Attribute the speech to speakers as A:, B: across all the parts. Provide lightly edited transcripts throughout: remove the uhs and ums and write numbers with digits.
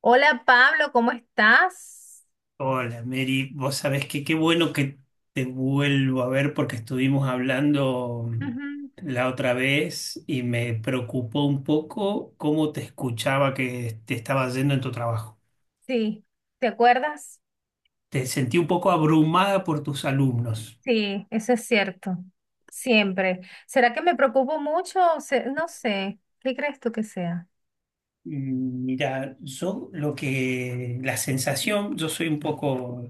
A: Hola Pablo, ¿cómo estás?
B: Hola Mary, vos sabés que qué bueno que te vuelvo a ver porque estuvimos hablando
A: Ujú.
B: la otra vez y me preocupó un poco cómo te escuchaba que te estaba yendo en tu trabajo.
A: Sí, ¿te acuerdas?
B: Te sentí un poco abrumada por tus alumnos.
A: Sí, eso es cierto. Siempre. ¿Será que me preocupo mucho? No sé. ¿Qué crees tú que sea?
B: Mira, la sensación, yo soy un poco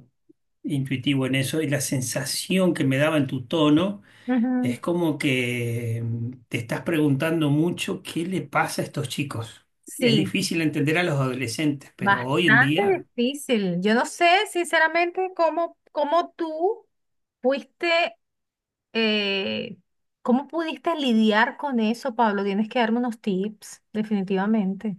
B: intuitivo en eso y la sensación que me daba en tu tono.
A: Ujú.
B: Es como que te estás preguntando mucho qué le pasa a estos chicos. Es
A: Sí,
B: difícil entender a los adolescentes, pero hoy en
A: bastante
B: día,
A: difícil. Yo no sé, sinceramente, cómo tú fuiste, eh, cómo pudiste lidiar con eso, Pablo. Tienes que darme unos tips, definitivamente.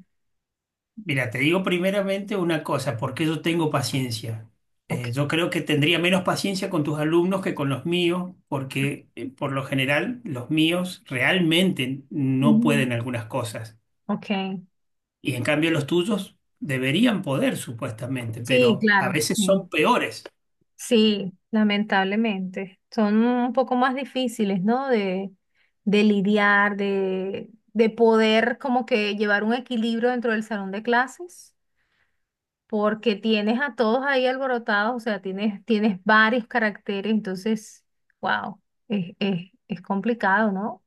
B: mira, te digo primeramente una cosa, porque yo tengo paciencia.
A: Ok.
B: Yo creo que tendría menos paciencia con tus alumnos que con los míos, porque por lo general los míos realmente no
A: Ujú.
B: pueden algunas cosas.
A: Ok.
B: Y en cambio los tuyos deberían poder, supuestamente,
A: Sí,
B: pero a
A: claro,
B: veces
A: sí.
B: son peores.
A: Sí, lamentablemente. Son un poco más difíciles, ¿no? De lidiar, de poder como que llevar un equilibrio dentro del salón de clases, porque tienes a todos ahí alborotados, o sea, tienes varios caracteres, entonces, wow, es complicado, ¿no?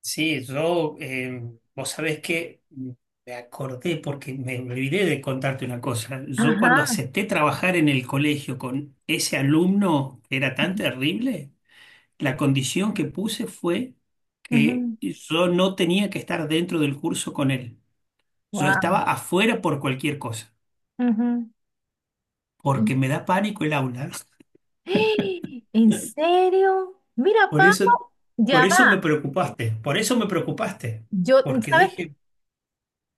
B: Sí, yo, vos sabés que me acordé porque me olvidé de contarte una cosa. Yo cuando
A: Ajá.
B: acepté trabajar en el colegio con ese alumno que era tan terrible, la condición que puse fue que yo no tenía que estar dentro del curso con él. Yo estaba
A: Wow.
B: afuera por cualquier cosa, porque me da pánico el aula.
A: ¿En serio? Mira,
B: Por eso,
A: Pablo,
B: por
A: ya
B: eso me
A: va.
B: preocupaste, por eso me preocupaste,
A: Yo,
B: porque
A: ¿sabes qué?
B: dije,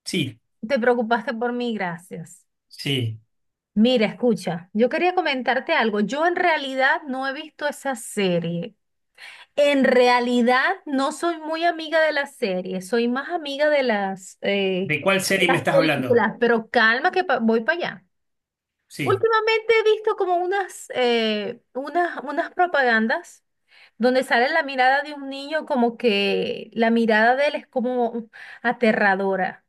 B: sí,
A: Te preocupaste por mí, gracias.
B: sí,
A: Mira, escucha, yo quería comentarte algo. Yo en realidad no he visto esa serie. En realidad no soy muy amiga de la serie, soy más amiga de
B: ¿de cuál
A: de
B: serie me
A: las
B: estás hablando?
A: películas, pero calma que voy para allá.
B: Sí,
A: Últimamente he visto como unas propagandas donde sale la mirada de un niño como que la mirada de él es como aterradora.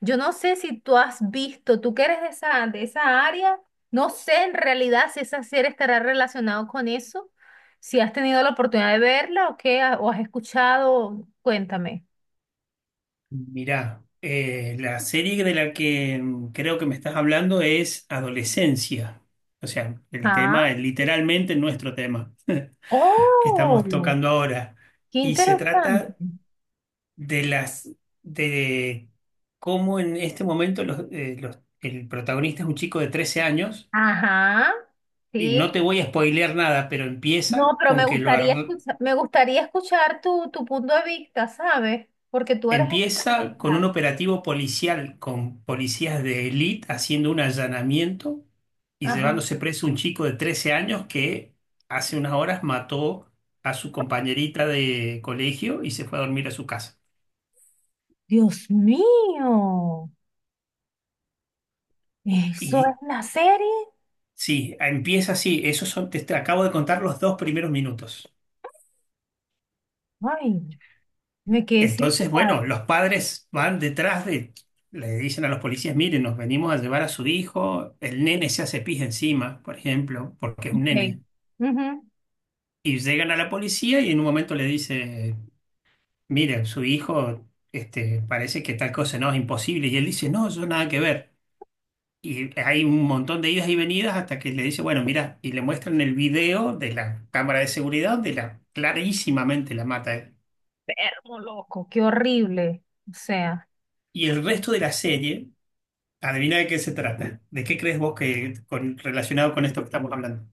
A: Yo no sé si tú has visto, tú que eres de de esa área, no sé en realidad si esa serie estará relacionado con eso, si has tenido la oportunidad de verla o qué, o has escuchado, cuéntame.
B: mirá, la serie de la que creo que me estás hablando es Adolescencia. O sea, el tema
A: Ah,
B: es literalmente nuestro tema que estamos
A: oh,
B: tocando ahora.
A: qué
B: Y se
A: interesante.
B: trata de las de cómo en este momento el protagonista es un chico de 13 años.
A: Ajá,
B: Y no
A: sí.
B: te voy a spoilear nada, pero
A: No, pero me gustaría escuchar tu punto de vista, ¿sabes? Porque tú eres experta en
B: empieza
A: el
B: con un
A: área.
B: operativo policial con policías de élite haciendo un allanamiento y
A: Ajá.
B: llevándose preso un chico de 13 años que hace unas horas mató a su compañerita de colegio y se fue a dormir a su casa.
A: Dios mío, ¿eso es
B: Y
A: la serie?
B: sí, empieza así. Esos son, te acabo de contar los dos primeros minutos.
A: Ay, me quedé sin
B: Entonces,
A: palabras.
B: bueno, los padres van detrás de, le dicen a los policías, miren, nos venimos a llevar a su hijo. El nene se hace pis encima, por ejemplo, porque es un
A: Ok.
B: nene.
A: Ujú.
B: Y llegan a la policía y en un momento le dice, mire, su hijo, este, parece que tal cosa no es imposible. Y él dice, no, yo nada que ver. Y hay un montón de idas y venidas hasta que le dice, bueno, mira, y le muestran el video de la cámara de seguridad de la clarísimamente la mata él.
A: Enfermo, loco, qué horrible. O sea,
B: Y el resto de la serie, adivina de qué se trata. ¿De qué crees vos que relacionado con esto que estamos hablando?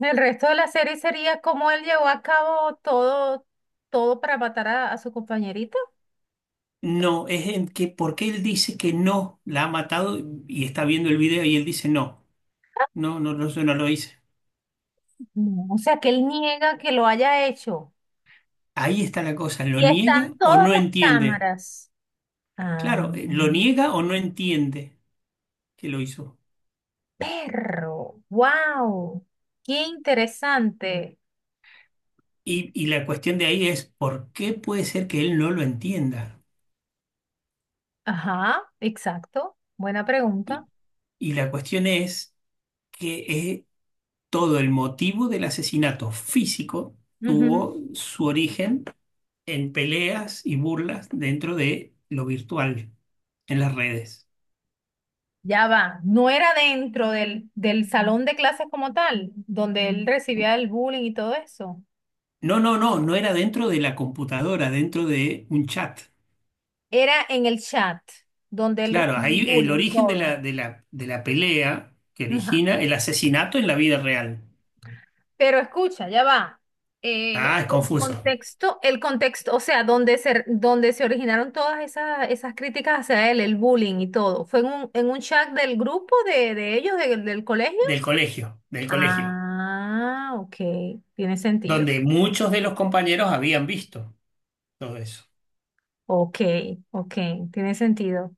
A: el resto de la serie sería cómo él llevó a cabo todo, todo para matar a su compañerita.
B: No, es en que porque él dice que no la ha matado y está viendo el video y él dice no, no, no, no, yo no lo hice.
A: No, o sea, que él niega que lo haya hecho.
B: Ahí está la cosa, ¿lo
A: Y están
B: niega o
A: todas
B: no
A: las
B: entiende?
A: cámaras. Ah,
B: Claro, lo niega o no entiende que lo hizo.
A: perro, wow, qué interesante.
B: Y la cuestión de ahí es, ¿por qué puede ser que él no lo entienda?
A: Ajá, exacto. Buena pregunta.
B: Y, y la cuestión es que todo el motivo del asesinato físico tuvo su origen en peleas y burlas dentro de lo virtual, en las redes.
A: Ya va, no era dentro del salón de clases como tal, donde él recibía el bullying y todo eso.
B: No, no, no, no era dentro de la computadora, dentro de un chat.
A: Era en el chat, donde él
B: Claro,
A: recibía el
B: ahí el
A: bullying y
B: origen de
A: todo.
B: la, de la, de la pelea que
A: Ajá.
B: origina el asesinato en la vida real.
A: Pero escucha, ya va.
B: Ah, es confuso.
A: El contexto, o sea, donde se originaron todas esas críticas hacia él, el bullying y todo, ¿fue en en un chat del grupo de ellos, del colegio?
B: Del colegio,
A: Ah, ok, tiene sentido.
B: donde muchos de los compañeros habían visto todo eso.
A: Ok, ok, tiene sentido.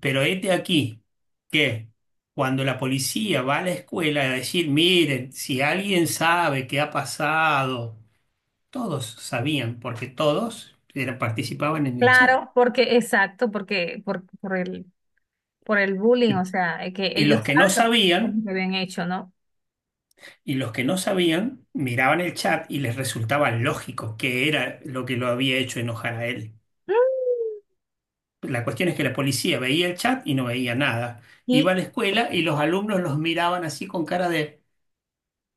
B: Pero este aquí que cuando la policía va a la escuela a decir, miren, si alguien sabe qué ha pasado, todos sabían, porque todos participaban en el chat.
A: Claro, porque, exacto, por el bullying,
B: Y,
A: o sea, que
B: y
A: ellos
B: los que no
A: saben lo
B: sabían
A: que habían hecho, ¿no?
B: Y los que no sabían miraban el chat y les resultaba lógico que era lo que lo había hecho enojar a él.
A: Mm.
B: La cuestión es que la policía veía el chat y no veía nada.
A: Y
B: Iba a la escuela y los alumnos los miraban así con cara de...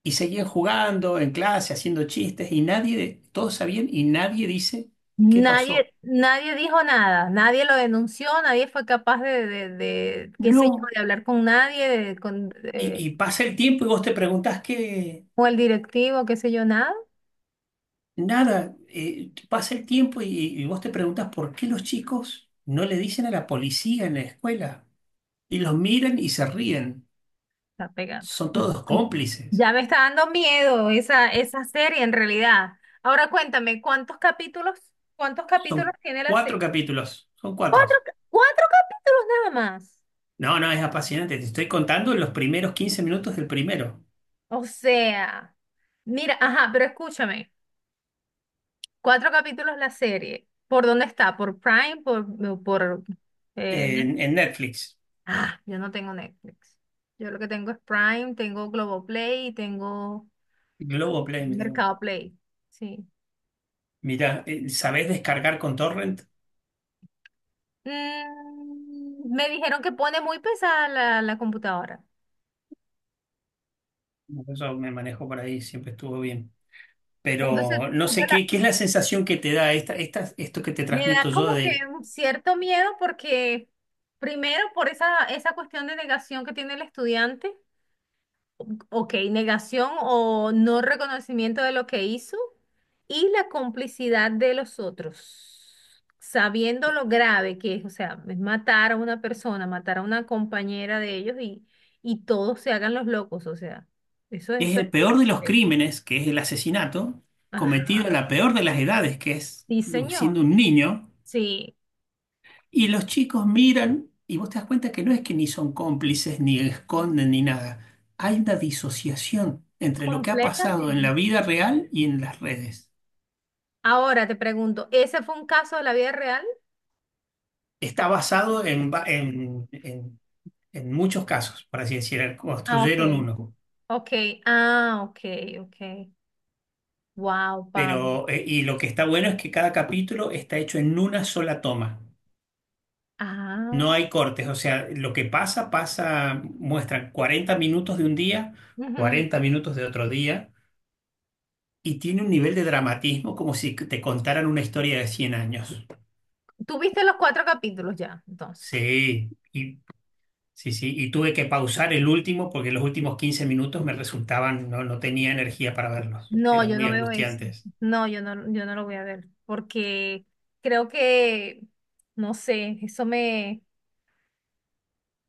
B: Y seguían jugando en clase, haciendo chistes y nadie, todos sabían y nadie dice qué pasó.
A: nadie, nadie dijo nada, nadie lo denunció, nadie fue capaz de qué sé yo,
B: No.
A: de hablar con nadie,
B: Y pasa el tiempo y vos te preguntás qué...
A: con el directivo, qué sé yo, nada.
B: Nada. Pasa el tiempo y vos te preguntás por qué los chicos no le dicen a la policía en la escuela. Y los miran y se ríen.
A: Está pegando.
B: Son todos cómplices.
A: Ya me está dando miedo esa serie en realidad. Ahora cuéntame, ¿cuántos capítulos
B: Son
A: tiene la serie?
B: cuatro capítulos. Son cuatro.
A: Cuatro, cuatro capítulos nada más.
B: No, no, es apasionante. Te estoy contando los primeros 15 minutos del primero
A: O sea, mira, ajá, pero escúchame, cuatro capítulos la serie. ¿Por dónde está? ¿Por Prime? Por ¿eh, Net-?
B: en Netflix.
A: Ah, yo no tengo Netflix. Yo lo que tengo es Prime, tengo Globoplay y tengo
B: Globoplay, mirá vos.
A: Mercado Play. Sí.
B: Mirá, ¿sabés descargar con torrent?
A: Mm, me dijeron que pone muy pesada la computadora.
B: Eso me manejo por ahí, siempre estuvo bien.
A: Entonces,
B: Pero no sé qué es la sensación que te da esto que te
A: me
B: transmito
A: da
B: yo
A: como que
B: de
A: un cierto miedo porque, primero, por esa cuestión de negación que tiene el estudiante, ok, negación o no reconocimiento de lo que hizo, y la complicidad de los otros, sabiendo lo grave que es, o sea, es matar a una persona, matar a una compañera de ellos y todos se hagan los locos, o sea,
B: es
A: eso
B: el peor de los
A: es...
B: crímenes, que es el asesinato,
A: Ajá,
B: cometido a la peor de las edades, que es
A: sí,
B: siendo
A: señor,
B: un niño.
A: sí,
B: Y los chicos miran y vos te das cuenta que no es que ni son cómplices, ni esconden, ni nada. Hay una disociación entre lo que ha pasado en la
A: completamente.
B: vida real y en las redes.
A: Ahora te pregunto, ¿ese fue un caso de la vida real?
B: Está basado en, en muchos casos, por así decir,
A: Ah, ok.
B: construyeron uno.
A: Ok, ah, ok, ok. Wow, Pablo.
B: Pero, y lo que está bueno es que cada capítulo está hecho en una sola toma. No
A: Ah,
B: hay cortes, o sea, lo que pasa, pasa, muestran 40 minutos de un día,
A: ujú.
B: 40 minutos de otro día. Y tiene un nivel de dramatismo como si te contaran una historia de 100 años.
A: ¿Tú viste los cuatro capítulos ya, entonces?
B: Sí, sí, sí. Y tuve que pausar el último porque los últimos 15 minutos me resultaban, no, no tenía energía para verlos.
A: No,
B: Eran
A: yo
B: muy
A: no veo eso.
B: angustiantes.
A: No, yo no lo voy a ver, porque creo que, no sé, eso me...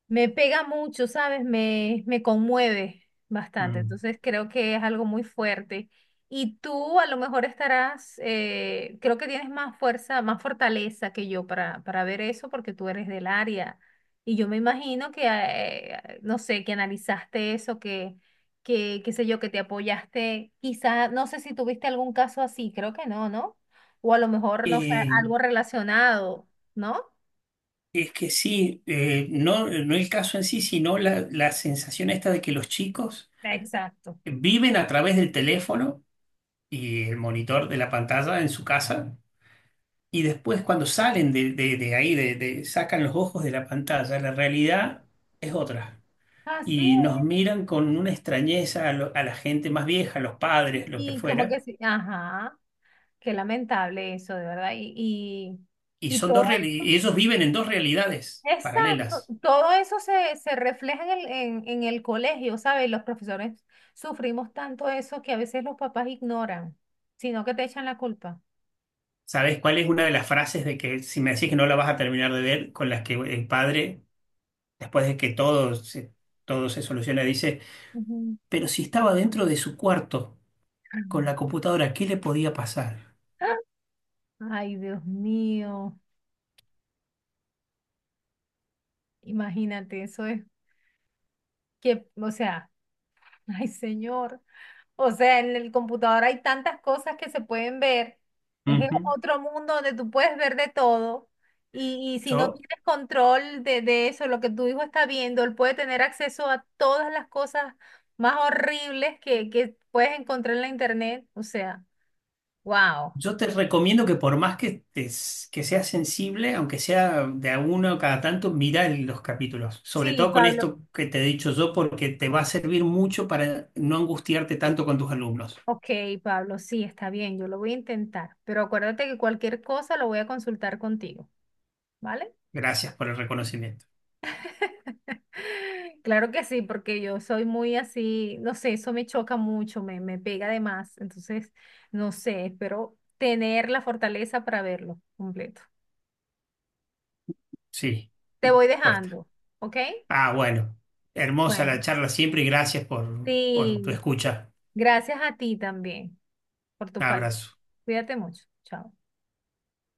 A: Me pega mucho, ¿sabes? Me conmueve bastante.
B: Mm.
A: Entonces creo que es algo muy fuerte. Y tú a lo mejor estarás, creo que tienes más fuerza, más fortaleza que yo para ver eso porque tú eres del área. Y yo me imagino que, no sé, que analizaste eso, qué sé yo, que te apoyaste. Quizá, no sé si tuviste algún caso así, creo que no, ¿no? O a lo mejor, no sé,
B: Eh,
A: algo relacionado, ¿no?
B: es que sí, no, no el caso en sí, sino la sensación esta de que los chicos
A: Exacto.
B: viven a través del teléfono y el monitor de la pantalla en su casa. Y después cuando salen de ahí, sacan los ojos de la pantalla, la realidad es otra.
A: Así.
B: Y nos miran con una extrañeza a la gente más vieja, los padres, lo que
A: Y como que
B: fuera.
A: sí, ajá, qué lamentable eso, de verdad. Y, y,
B: Y
A: y todo eso,
B: ellos viven en dos realidades
A: exacto,
B: paralelas.
A: todo eso se, se refleja en en el colegio, ¿sabes? Los profesores sufrimos tanto eso que a veces los papás ignoran, sino que te echan la culpa.
B: ¿Sabes cuál es una de las frases de que si me decís que no la vas a terminar de ver, con las que el padre, después de que todo se soluciona, dice,
A: Ujú.
B: pero si estaba dentro de su cuarto con la computadora, ¿qué le podía pasar?
A: Ay, Dios mío, imagínate, eso es que, o sea, ay, señor. O sea, en el computador hay tantas cosas que se pueden ver. Es
B: Ujú.
A: otro mundo donde tú puedes ver de todo. Y si no
B: Yo
A: tienes control de eso, lo que tu hijo está viendo, él puede tener acceso a todas las cosas más horribles que puedes encontrar en la internet. O sea, wow.
B: Yo te recomiendo que por más que seas sensible, aunque sea de a uno cada tanto, mira los capítulos. Sobre
A: Sí,
B: todo con
A: Pablo.
B: esto que te he dicho yo, porque te va a servir mucho para no angustiarte tanto con tus alumnos.
A: Ok, Pablo, sí, está bien, yo lo voy a intentar. Pero acuérdate que cualquier cosa lo voy a consultar contigo, ¿vale?
B: Gracias por el reconocimiento.
A: Claro que sí, porque yo soy muy así, no sé, eso me choca mucho, me pega de más. Entonces, no sé, espero tener la fortaleza para verlo completo.
B: Sí,
A: Te voy
B: cuesta.
A: dejando, ¿ok?
B: Ah, bueno. Hermosa la
A: Bueno.
B: charla siempre y gracias por tu
A: Sí,
B: escucha.
A: gracias a ti también por tus palabras.
B: Abrazo.
A: Cuídate mucho. Chao.